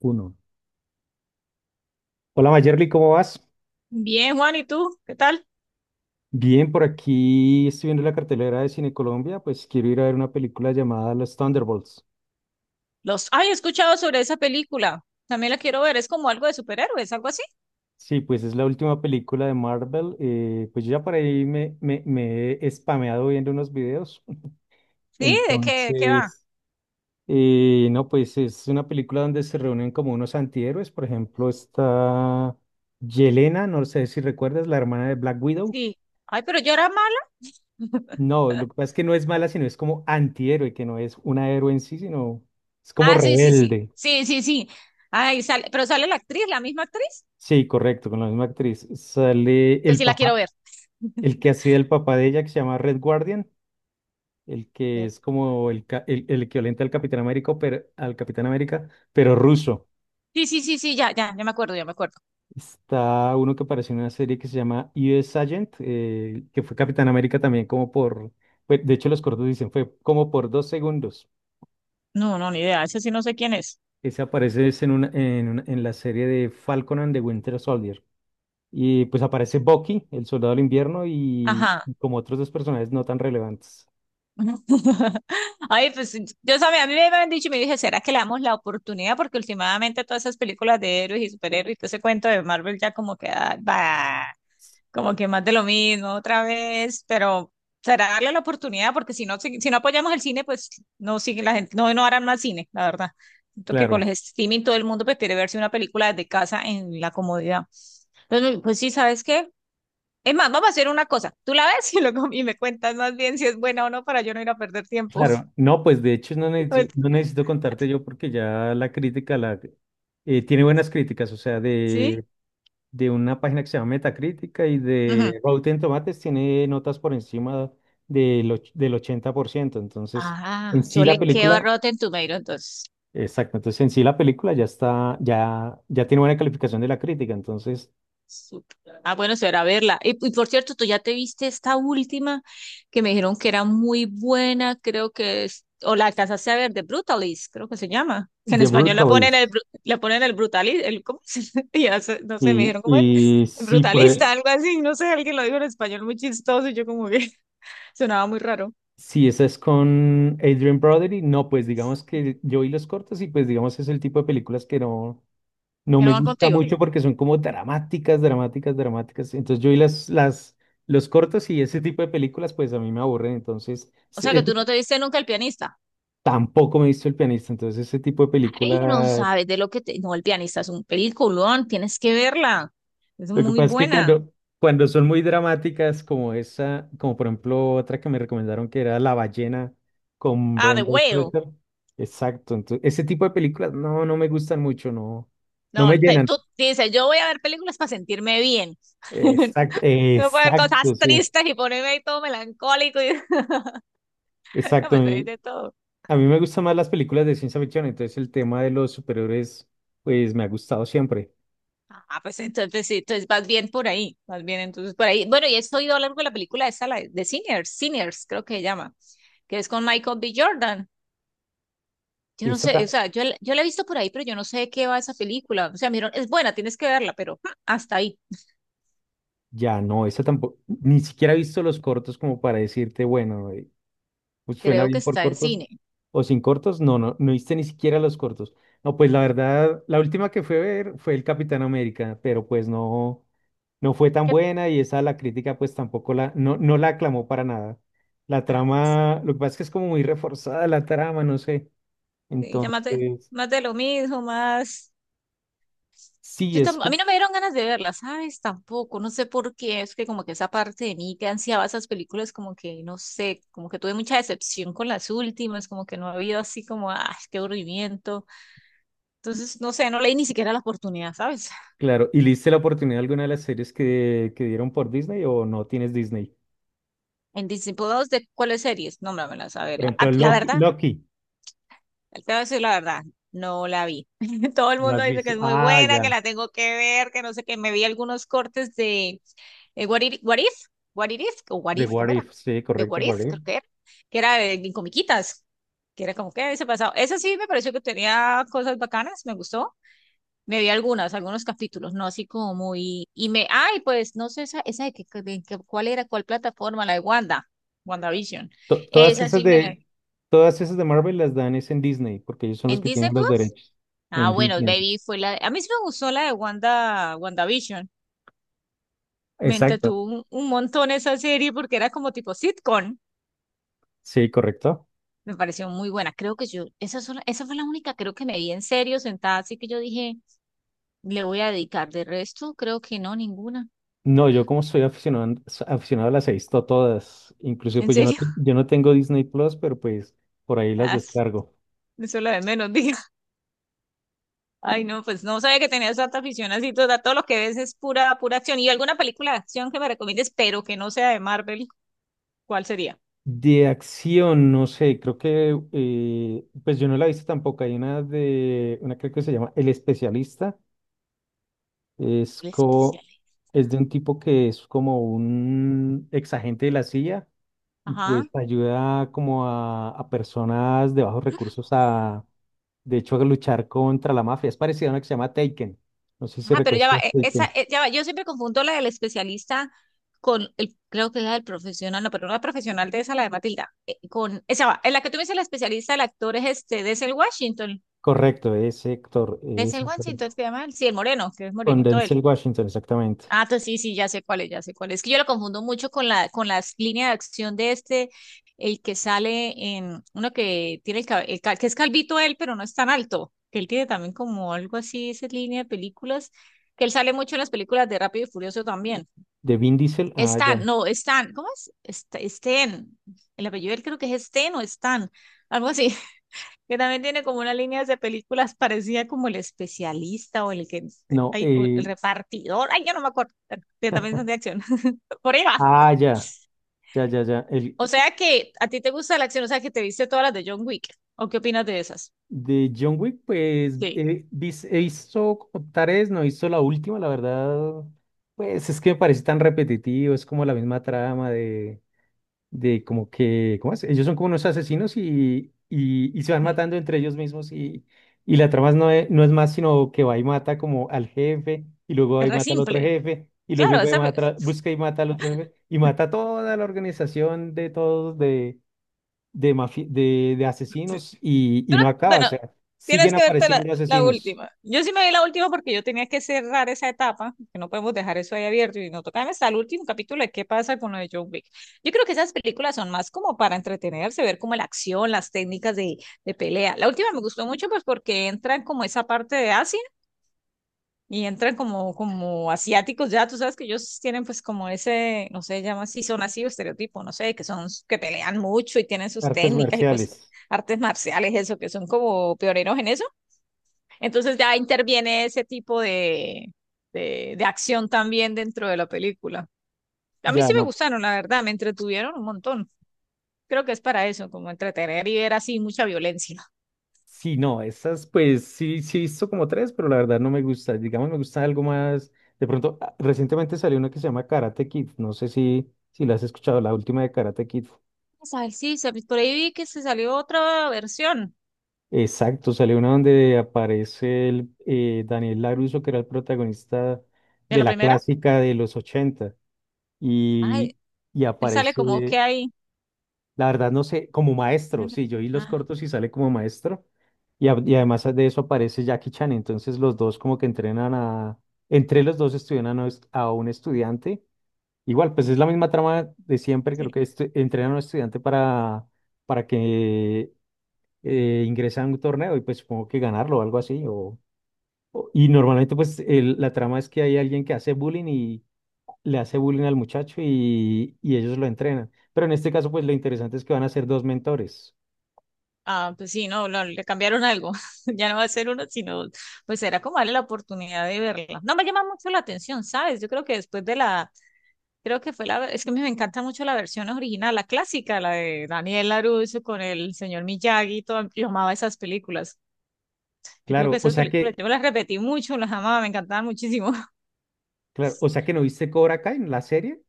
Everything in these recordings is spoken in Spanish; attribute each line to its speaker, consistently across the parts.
Speaker 1: Uno. Hola Mayerly, ¿cómo vas?
Speaker 2: Bien, Juan, ¿y tú? ¿Qué tal?
Speaker 1: Bien, por aquí estoy viendo la cartelera de Cine Colombia, pues quiero ir a ver una película llamada Los Thunderbolts.
Speaker 2: Los, ay, he escuchado sobre esa película. También la quiero ver. Es como algo de superhéroes, algo así.
Speaker 1: Sí, pues es la última película de Marvel. Pues yo ya por ahí me he spameado viendo unos videos.
Speaker 2: Sí, ¿de qué va?
Speaker 1: Entonces, no, pues es una película donde se reúnen como unos antihéroes. Por ejemplo, está Yelena, no sé si recuerdas, la hermana de Black Widow.
Speaker 2: Sí. Ay, pero yo era mala.
Speaker 1: No, lo que pasa es que no es mala, sino es como antihéroe, que no es una héroe en sí, sino es como
Speaker 2: Ah, sí, sí, sí.
Speaker 1: rebelde.
Speaker 2: Sí, sí, sí. Ay, sale, pero sale la actriz, la misma actriz.
Speaker 1: Sí, correcto, con la misma actriz. Sale
Speaker 2: Entonces
Speaker 1: el
Speaker 2: sí la
Speaker 1: papá,
Speaker 2: quiero ver.
Speaker 1: el que hacía el papá de ella, que se llama Red Guardian, el que es como el equivalente al Capitán América, pero, al Capitán América, pero ruso.
Speaker 2: Sí, sí, sí, sí, ya, ya, ya me acuerdo, ya me acuerdo.
Speaker 1: Está uno que apareció en una serie que se llama US Agent, que fue Capitán América también como por, de hecho los cortos dicen, fue como por 2 segundos.
Speaker 2: No, no, ni idea. Ese sí no sé quién es.
Speaker 1: Ese aparece es en la serie de Falcon and the Winter Soldier. Y pues aparece Bucky, el soldado del invierno, y
Speaker 2: Ajá.
Speaker 1: y como otros dos personajes no tan relevantes.
Speaker 2: Ay, pues sí, yo sabía, a mí me habían dicho y me dije, ¿será que le damos la oportunidad? Porque últimamente todas esas películas de héroes y superhéroes y todo ese cuento de Marvel ya como que, ah, bah, como que más de lo mismo otra vez, pero será darle la oportunidad porque si no, si no apoyamos el cine, pues no sigue la gente, no, no harán más cine, la verdad. Siento que con
Speaker 1: Claro,
Speaker 2: el streaming todo el mundo pues, quiere verse una película desde casa en la comodidad. Entonces, pues sí, ¿sabes qué? Es más, vamos a hacer una cosa. Tú la ves y, luego, y me cuentas más bien si es buena o no para yo no ir a perder tiempo.
Speaker 1: claro. No, pues de hecho no necesito, no
Speaker 2: Ok.
Speaker 1: necesito contarte yo porque ya la crítica tiene buenas críticas, o sea,
Speaker 2: ¿Sí?
Speaker 1: de una página que se llama Metacrítica y
Speaker 2: Ujú.
Speaker 1: de Rotten Tomatoes tiene notas por encima del 80%. Entonces, en
Speaker 2: Ah,
Speaker 1: sí
Speaker 2: yo
Speaker 1: la
Speaker 2: le quedo a
Speaker 1: película
Speaker 2: Rotten Tomatoes, entonces.
Speaker 1: Exacto, entonces en sí la película ya está, ya tiene buena calificación de la crítica, entonces
Speaker 2: Súper. Ah, bueno, será verla. Y por cierto, tú ya te viste esta última que me dijeron que era muy buena, creo que es, o la alcanzaste a ver, de Brutalist, creo que se llama. Que en
Speaker 1: The
Speaker 2: español la ponen el,
Speaker 1: Brutalist.
Speaker 2: bru- la ponen el Brutalist, el, ¿cómo se ya sé, no sé, me
Speaker 1: Y,
Speaker 2: dijeron cómo era,
Speaker 1: y sí,
Speaker 2: Brutalista, algo así, no sé, alguien lo dijo en español muy chistoso y yo como que sonaba muy raro.
Speaker 1: si esa es con Adrian Brody, no, pues digamos que yo vi los cortos y pues digamos es el tipo de películas que no
Speaker 2: Que no
Speaker 1: me
Speaker 2: van
Speaker 1: gusta
Speaker 2: contigo.
Speaker 1: mucho porque son como dramáticas, dramáticas, dramáticas. Entonces yo vi los cortos y ese tipo de películas pues a mí me aburren, entonces
Speaker 2: O sea que tú no te viste nunca El Pianista.
Speaker 1: tampoco me he visto El Pianista, entonces ese tipo de
Speaker 2: Ay, no
Speaker 1: película.
Speaker 2: sabes de lo que te... No, El Pianista es un peliculón, tienes que verla. Es
Speaker 1: Lo que
Speaker 2: muy
Speaker 1: pasa es que
Speaker 2: buena.
Speaker 1: cuando son muy dramáticas, como esa, como por ejemplo otra que me recomendaron que era La ballena con
Speaker 2: Ah, The
Speaker 1: Brendan
Speaker 2: Whale.
Speaker 1: Fraser. Exacto. Entonces, ese tipo de películas no me gustan mucho, no me
Speaker 2: No,
Speaker 1: llenan.
Speaker 2: tú dices, yo voy a ver películas para sentirme bien.
Speaker 1: Exacto,
Speaker 2: No puedo ver cosas
Speaker 1: exacto, sí.
Speaker 2: tristes y ponerme ahí todo melancólico y no,
Speaker 1: Exacto.
Speaker 2: pues ahí
Speaker 1: Y
Speaker 2: de todo.
Speaker 1: a mí me gustan más las películas de ciencia ficción, entonces el tema de los superhéroes, pues me ha gustado siempre.
Speaker 2: Ah, pues entonces sí, entonces vas bien por ahí, vas bien entonces por ahí. Bueno, y he oído hablar de la película esa, la de Sinners, Sinners, creo que se llama, que es con Michael B. Jordan. Yo no
Speaker 1: Esa
Speaker 2: sé,
Speaker 1: ta-
Speaker 2: o sea, yo, yo la he visto por ahí, pero yo no sé de qué va esa película. O sea, mira, es buena, tienes que verla, pero ah, hasta ahí.
Speaker 1: ya no, esa tampoco, ni siquiera he visto los cortos como para decirte, bueno, pues suena
Speaker 2: Creo que
Speaker 1: bien por
Speaker 2: está en
Speaker 1: cortos.
Speaker 2: cine.
Speaker 1: O sin cortos, no viste ni siquiera los cortos. No, pues la verdad, la última que fue a ver fue el Capitán América, pero pues no fue tan
Speaker 2: ¿Qué?
Speaker 1: buena y esa la crítica pues tampoco la, no, no la aclamó para nada. La
Speaker 2: Ah,
Speaker 1: trama, lo que pasa es que es como muy reforzada la trama, no sé.
Speaker 2: sí,
Speaker 1: Entonces,
Speaker 2: más de lo mismo, más...
Speaker 1: sí,
Speaker 2: Yo a mí no me dieron ganas de verla, ¿sabes? Tampoco, no sé por qué, es que como que esa parte de mí que ansiaba esas películas, como que, no sé, como que tuve mucha decepción con las últimas, como que no ha habido así como, ah, qué aburrimiento. Entonces, no sé, no leí ni siquiera la oportunidad, ¿sabes?
Speaker 1: claro. ¿Y le diste la oportunidad a alguna de las series que dieron por Disney o no tienes Disney?
Speaker 2: En Disney Plus, ¿de cuáles series? Nómbramelas, a
Speaker 1: Por
Speaker 2: verla.
Speaker 1: ejemplo,
Speaker 2: Ah, la
Speaker 1: Loki,
Speaker 2: verdad,
Speaker 1: Loki,
Speaker 2: te voy a decir la verdad, no la vi. Todo el
Speaker 1: ¿no
Speaker 2: mundo
Speaker 1: has
Speaker 2: dice que
Speaker 1: visto?
Speaker 2: es muy
Speaker 1: Ah,
Speaker 2: buena, que
Speaker 1: ya,
Speaker 2: la tengo que ver, que no sé qué. Me vi algunos cortes de What If, What It If, o What
Speaker 1: The
Speaker 2: If,
Speaker 1: What
Speaker 2: ¿cómo era?
Speaker 1: If, sí,
Speaker 2: De
Speaker 1: correcto,
Speaker 2: What
Speaker 1: What
Speaker 2: If,
Speaker 1: If.
Speaker 2: creo que era de comiquitas, que era como que había pasado. Esa sí me pareció que tenía cosas bacanas, me gustó. Me vi algunas, algunos capítulos, no así como muy... Y me, ay, pues no sé, esa de, cuál era, cuál plataforma, la de Wanda, WandaVision.
Speaker 1: Todas
Speaker 2: Esa
Speaker 1: esas
Speaker 2: sí me la...
Speaker 1: de, todas esas de Marvel las dan es en Disney, porque ellos son los
Speaker 2: ¿En
Speaker 1: que
Speaker 2: Disney
Speaker 1: tienen los
Speaker 2: Plus?
Speaker 1: derechos
Speaker 2: Ah,
Speaker 1: en
Speaker 2: bueno,
Speaker 1: Disney.
Speaker 2: Baby fue la... A mí sí me gustó la de Wanda, WandaVision. Me
Speaker 1: Exacto.
Speaker 2: entretuvo un montón esa serie porque era como tipo sitcom.
Speaker 1: Sí, correcto.
Speaker 2: Me pareció muy buena. Creo que yo, esa, esa fue la única, creo que me vi en serio sentada, así que yo dije, le voy a dedicar. De resto, creo que no, ninguna.
Speaker 1: No, yo como soy aficionado, aficionado las he visto todas. Incluso
Speaker 2: ¿En
Speaker 1: pues
Speaker 2: serio?
Speaker 1: yo no tengo Disney Plus, pero pues por ahí las
Speaker 2: Ah,
Speaker 1: descargo.
Speaker 2: eso es lo de menos, diga. Ay, no, pues no sabía que tenías tanta afición así, todo, todo lo que ves es pura, pura acción. ¿Y alguna película de acción que me recomiendes, pero que no sea de Marvel? ¿Cuál sería?
Speaker 1: De acción, no sé, creo que pues yo no la he visto tampoco. Hay una de una creo que se llama El Especialista. Es
Speaker 2: El
Speaker 1: co-
Speaker 2: especial.
Speaker 1: es de un tipo que es como un ex agente de la CIA y
Speaker 2: Ajá.
Speaker 1: pues ayuda como a personas de bajos recursos a, de hecho, a luchar contra la mafia. Es parecido a una que se llama Taken. No sé si
Speaker 2: Ah, pero
Speaker 1: recuerdas
Speaker 2: ya va, esa,
Speaker 1: Taken.
Speaker 2: ya va, yo siempre confundo la del especialista con el, creo que es la del profesional, no, pero no la profesional de esa, la de Matilda, con, esa va, en la que tú me dices la especialista, el actor es este, Denzel Washington,
Speaker 1: Correcto, ese actor,
Speaker 2: Denzel
Speaker 1: esa
Speaker 2: Washington,
Speaker 1: película.
Speaker 2: es que llama, ¿él? Sí, el moreno, que es
Speaker 1: Con
Speaker 2: morenito.
Speaker 1: Denzel Washington, exactamente.
Speaker 2: Ah, entonces sí, sí, ya sé cuál es, ya sé cuál es. Es que yo lo confundo mucho con la, con las líneas de acción de este, el que sale en uno que tiene el, que es calvito él, pero no es tan alto. Que él tiene también como algo así, esa línea de películas, que él sale mucho en las películas de Rápido y Furioso también.
Speaker 1: De Vin Diesel, ah, ya.
Speaker 2: Stan, no, Stan, ¿cómo es? Sten, el apellido de él creo que es Sten o Stan, algo así, que también tiene como una línea de películas parecida como El Especialista o El que
Speaker 1: No,
Speaker 2: ay, o El Repartidor, ay, yo no me acuerdo, que también son de acción. Por ahí va.
Speaker 1: ah, ya, ya, ya, ya. El,
Speaker 2: O sea que a ti te gusta la acción, o sea que te viste todas las de John Wick. ¿O qué opinas de esas?
Speaker 1: de John Wick, pues,
Speaker 2: Sí.
Speaker 1: hizo como tres, no hizo la última, la verdad. Pues es que me parece tan repetitivo, es como la misma trama de como que, ¿cómo es? Ellos son como unos asesinos y se van
Speaker 2: Mm.
Speaker 1: matando entre ellos mismos y la trama no es más sino que va y mata como al jefe y luego va
Speaker 2: Es
Speaker 1: y
Speaker 2: re
Speaker 1: mata al otro
Speaker 2: simple.
Speaker 1: jefe y luego
Speaker 2: Claro,
Speaker 1: va y
Speaker 2: esa,
Speaker 1: busca y mata al otro jefe y mata a toda la organización de todos de asesinos
Speaker 2: tú
Speaker 1: y
Speaker 2: no-
Speaker 1: no acaba, o
Speaker 2: bueno,
Speaker 1: sea,
Speaker 2: tienes
Speaker 1: siguen
Speaker 2: que verte la,
Speaker 1: apareciendo
Speaker 2: la
Speaker 1: asesinos,
Speaker 2: última. Yo sí me vi la última porque yo tenía que cerrar esa etapa, que no podemos dejar eso ahí abierto y no tocarme hasta el último capítulo de qué pasa con lo de John Wick. Yo creo que esas películas son más como para entretenerse, ver como la acción, las técnicas de pelea. La última me gustó mucho pues porque entra en como esa parte de Asia y entran como, como asiáticos ya, tú sabes que ellos tienen pues como ese, no sé, llama si son así o estereotipo, no sé, que son, que pelean mucho y tienen sus
Speaker 1: artes
Speaker 2: técnicas y cosas,
Speaker 1: marciales,
Speaker 2: artes marciales, eso, que son como pioneros en eso. Entonces ya interviene ese tipo de, de acción también dentro de la película. A mí
Speaker 1: ya
Speaker 2: sí me
Speaker 1: no.
Speaker 2: gustaron, la verdad, me entretuvieron un montón. Creo que es para eso, como entretener y ver así mucha violencia.
Speaker 1: Sí, no, esas pues sí he visto como tres, pero la verdad no me gusta. Digamos, me gusta algo más. De pronto, ah, recientemente salió una que se llama Karate Kid. No sé si la has escuchado, la última de Karate Kid.
Speaker 2: Vamos a ver, sí, por ahí vi que se salió otra versión
Speaker 1: Exacto, salió una donde aparece Daniel LaRusso, que era el protagonista
Speaker 2: de
Speaker 1: de
Speaker 2: la
Speaker 1: la
Speaker 2: primera.
Speaker 1: clásica de los 80.
Speaker 2: Ay,
Speaker 1: Y, y
Speaker 2: él sale como
Speaker 1: aparece.
Speaker 2: que hay
Speaker 1: La verdad no sé, como
Speaker 2: me
Speaker 1: maestro, sí, yo vi los
Speaker 2: ah,
Speaker 1: cortos y sale como maestro. Y además de eso aparece Jackie Chan, entonces los dos como que entrenan a, entre los dos estudian a, a un estudiante. Igual, pues es la misma trama de siempre, creo
Speaker 2: sí.
Speaker 1: que entrenan a un estudiante para que ingrese a un torneo y pues supongo que ganarlo o algo así. Y normalmente pues la trama es que hay alguien que hace bullying y le hace bullying al muchacho y ellos lo entrenan. Pero en este caso pues lo interesante es que van a ser dos mentores.
Speaker 2: Ah, pues sí, no, no, le cambiaron algo. Ya no va a ser uno, sino, pues era como darle la oportunidad de verla. No me llama mucho la atención, ¿sabes? Yo creo que después de la, creo que fue la, es que me encanta mucho la versión original, la clásica, la de Daniel LaRusso con el señor Miyagi, y todo. Yo amaba esas películas. Yo creo que
Speaker 1: Claro, o
Speaker 2: esas
Speaker 1: sea
Speaker 2: películas,
Speaker 1: que,
Speaker 2: yo me las repetí mucho, las amaba, me encantaban muchísimo.
Speaker 1: claro, o sea que no viste Cobra Kai, la serie.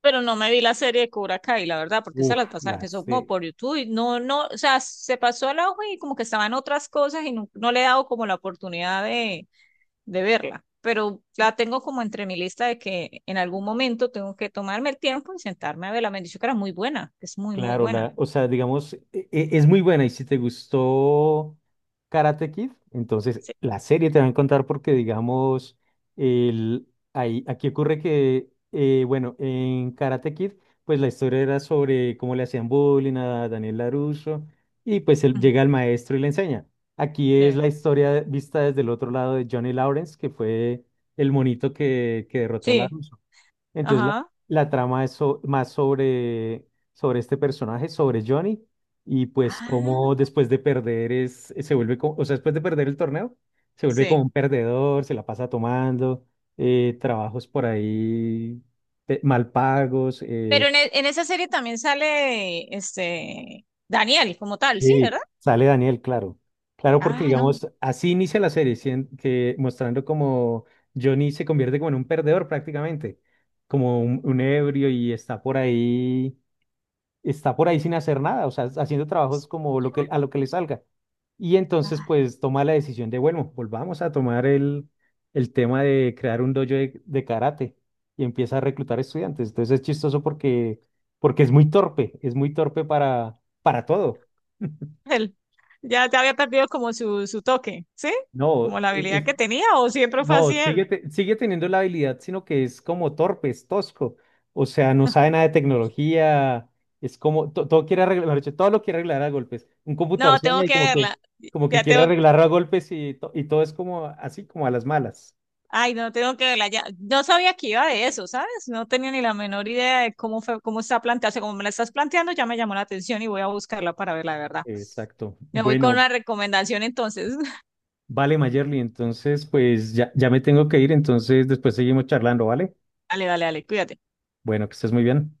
Speaker 2: Pero no me vi la serie de Cobra Kai, la verdad, porque esa
Speaker 1: Uf,
Speaker 2: la pasaba,
Speaker 1: la,
Speaker 2: empezó
Speaker 1: se-
Speaker 2: como por YouTube y no, no, o sea, se pasó al ojo y como que estaban otras cosas y no, no le he dado como la oportunidad de verla. Pero la tengo como entre mi lista de que en algún momento tengo que tomarme el tiempo y sentarme a verla. Me han dicho que era muy buena, que es muy, muy
Speaker 1: Claro,
Speaker 2: buena.
Speaker 1: o sea, digamos, es muy buena y si te gustó Karate Kid, entonces
Speaker 2: Sí.
Speaker 1: la serie te va a encantar porque, digamos, el, aquí ocurre que, bueno, en Karate Kid, pues la historia era sobre cómo le hacían bullying a Daniel LaRusso y pues él
Speaker 2: Mm,
Speaker 1: llega el maestro y le enseña. Aquí es
Speaker 2: sí.
Speaker 1: la historia vista desde el otro lado de Johnny Lawrence, que fue el monito que derrotó a
Speaker 2: Sí.
Speaker 1: LaRusso. Entonces
Speaker 2: Ajá.
Speaker 1: la trama más sobre este personaje, sobre Johnny, y pues cómo
Speaker 2: Ah,
Speaker 1: después de perder es, se vuelve, co- o sea, después de perder el torneo, se vuelve como
Speaker 2: sí.
Speaker 1: un perdedor, se la pasa tomando, trabajos por ahí mal pagos.
Speaker 2: Pero
Speaker 1: eh,
Speaker 2: en, en esa serie también sale este Daniel como tal, ¿sí, verdad?
Speaker 1: sí, sale Daniel, claro. Claro, porque
Speaker 2: Ah, no.
Speaker 1: digamos, así inicia la serie, mostrando como Johnny se convierte como en un perdedor prácticamente, como un ebrio y está por ahí sin hacer nada, o sea, haciendo trabajos como a lo que le salga. Y entonces, pues, toma la decisión de, bueno, volvamos a tomar el tema de crear un dojo de karate y empieza a reclutar estudiantes. Entonces es chistoso porque es muy torpe para todo.
Speaker 2: Él ya, ya había perdido como su toque, ¿sí?
Speaker 1: No,
Speaker 2: Como la habilidad
Speaker 1: es.
Speaker 2: que tenía, o siempre fue
Speaker 1: No,
Speaker 2: así él.
Speaker 1: sigue teniendo la habilidad, sino que es como torpe, es tosco. O sea, no sabe nada de tecnología. Es como, todo quiere arreglar, mejor dicho, todo lo quiere arreglar a golpes. Un computador
Speaker 2: No,
Speaker 1: sueña
Speaker 2: tengo
Speaker 1: y
Speaker 2: que verla.
Speaker 1: como que
Speaker 2: Ya
Speaker 1: quiere
Speaker 2: tengo,
Speaker 1: arreglarlo a golpes y todo es como así, como a las malas.
Speaker 2: ay, no, tengo que verla. Ya, no sabía que iba de eso, ¿sabes? No tenía ni la menor idea de cómo fue, cómo está planteado. O sea, como me la estás planteando, ya me llamó la atención y voy a buscarla para verla, de verdad.
Speaker 1: Exacto.
Speaker 2: Me voy con
Speaker 1: Bueno,
Speaker 2: una recomendación entonces.
Speaker 1: vale, Mayerly, entonces pues ya me tengo que ir, entonces después seguimos charlando, ¿vale?
Speaker 2: Dale, dale, dale, cuídate.
Speaker 1: Bueno, que estés muy bien.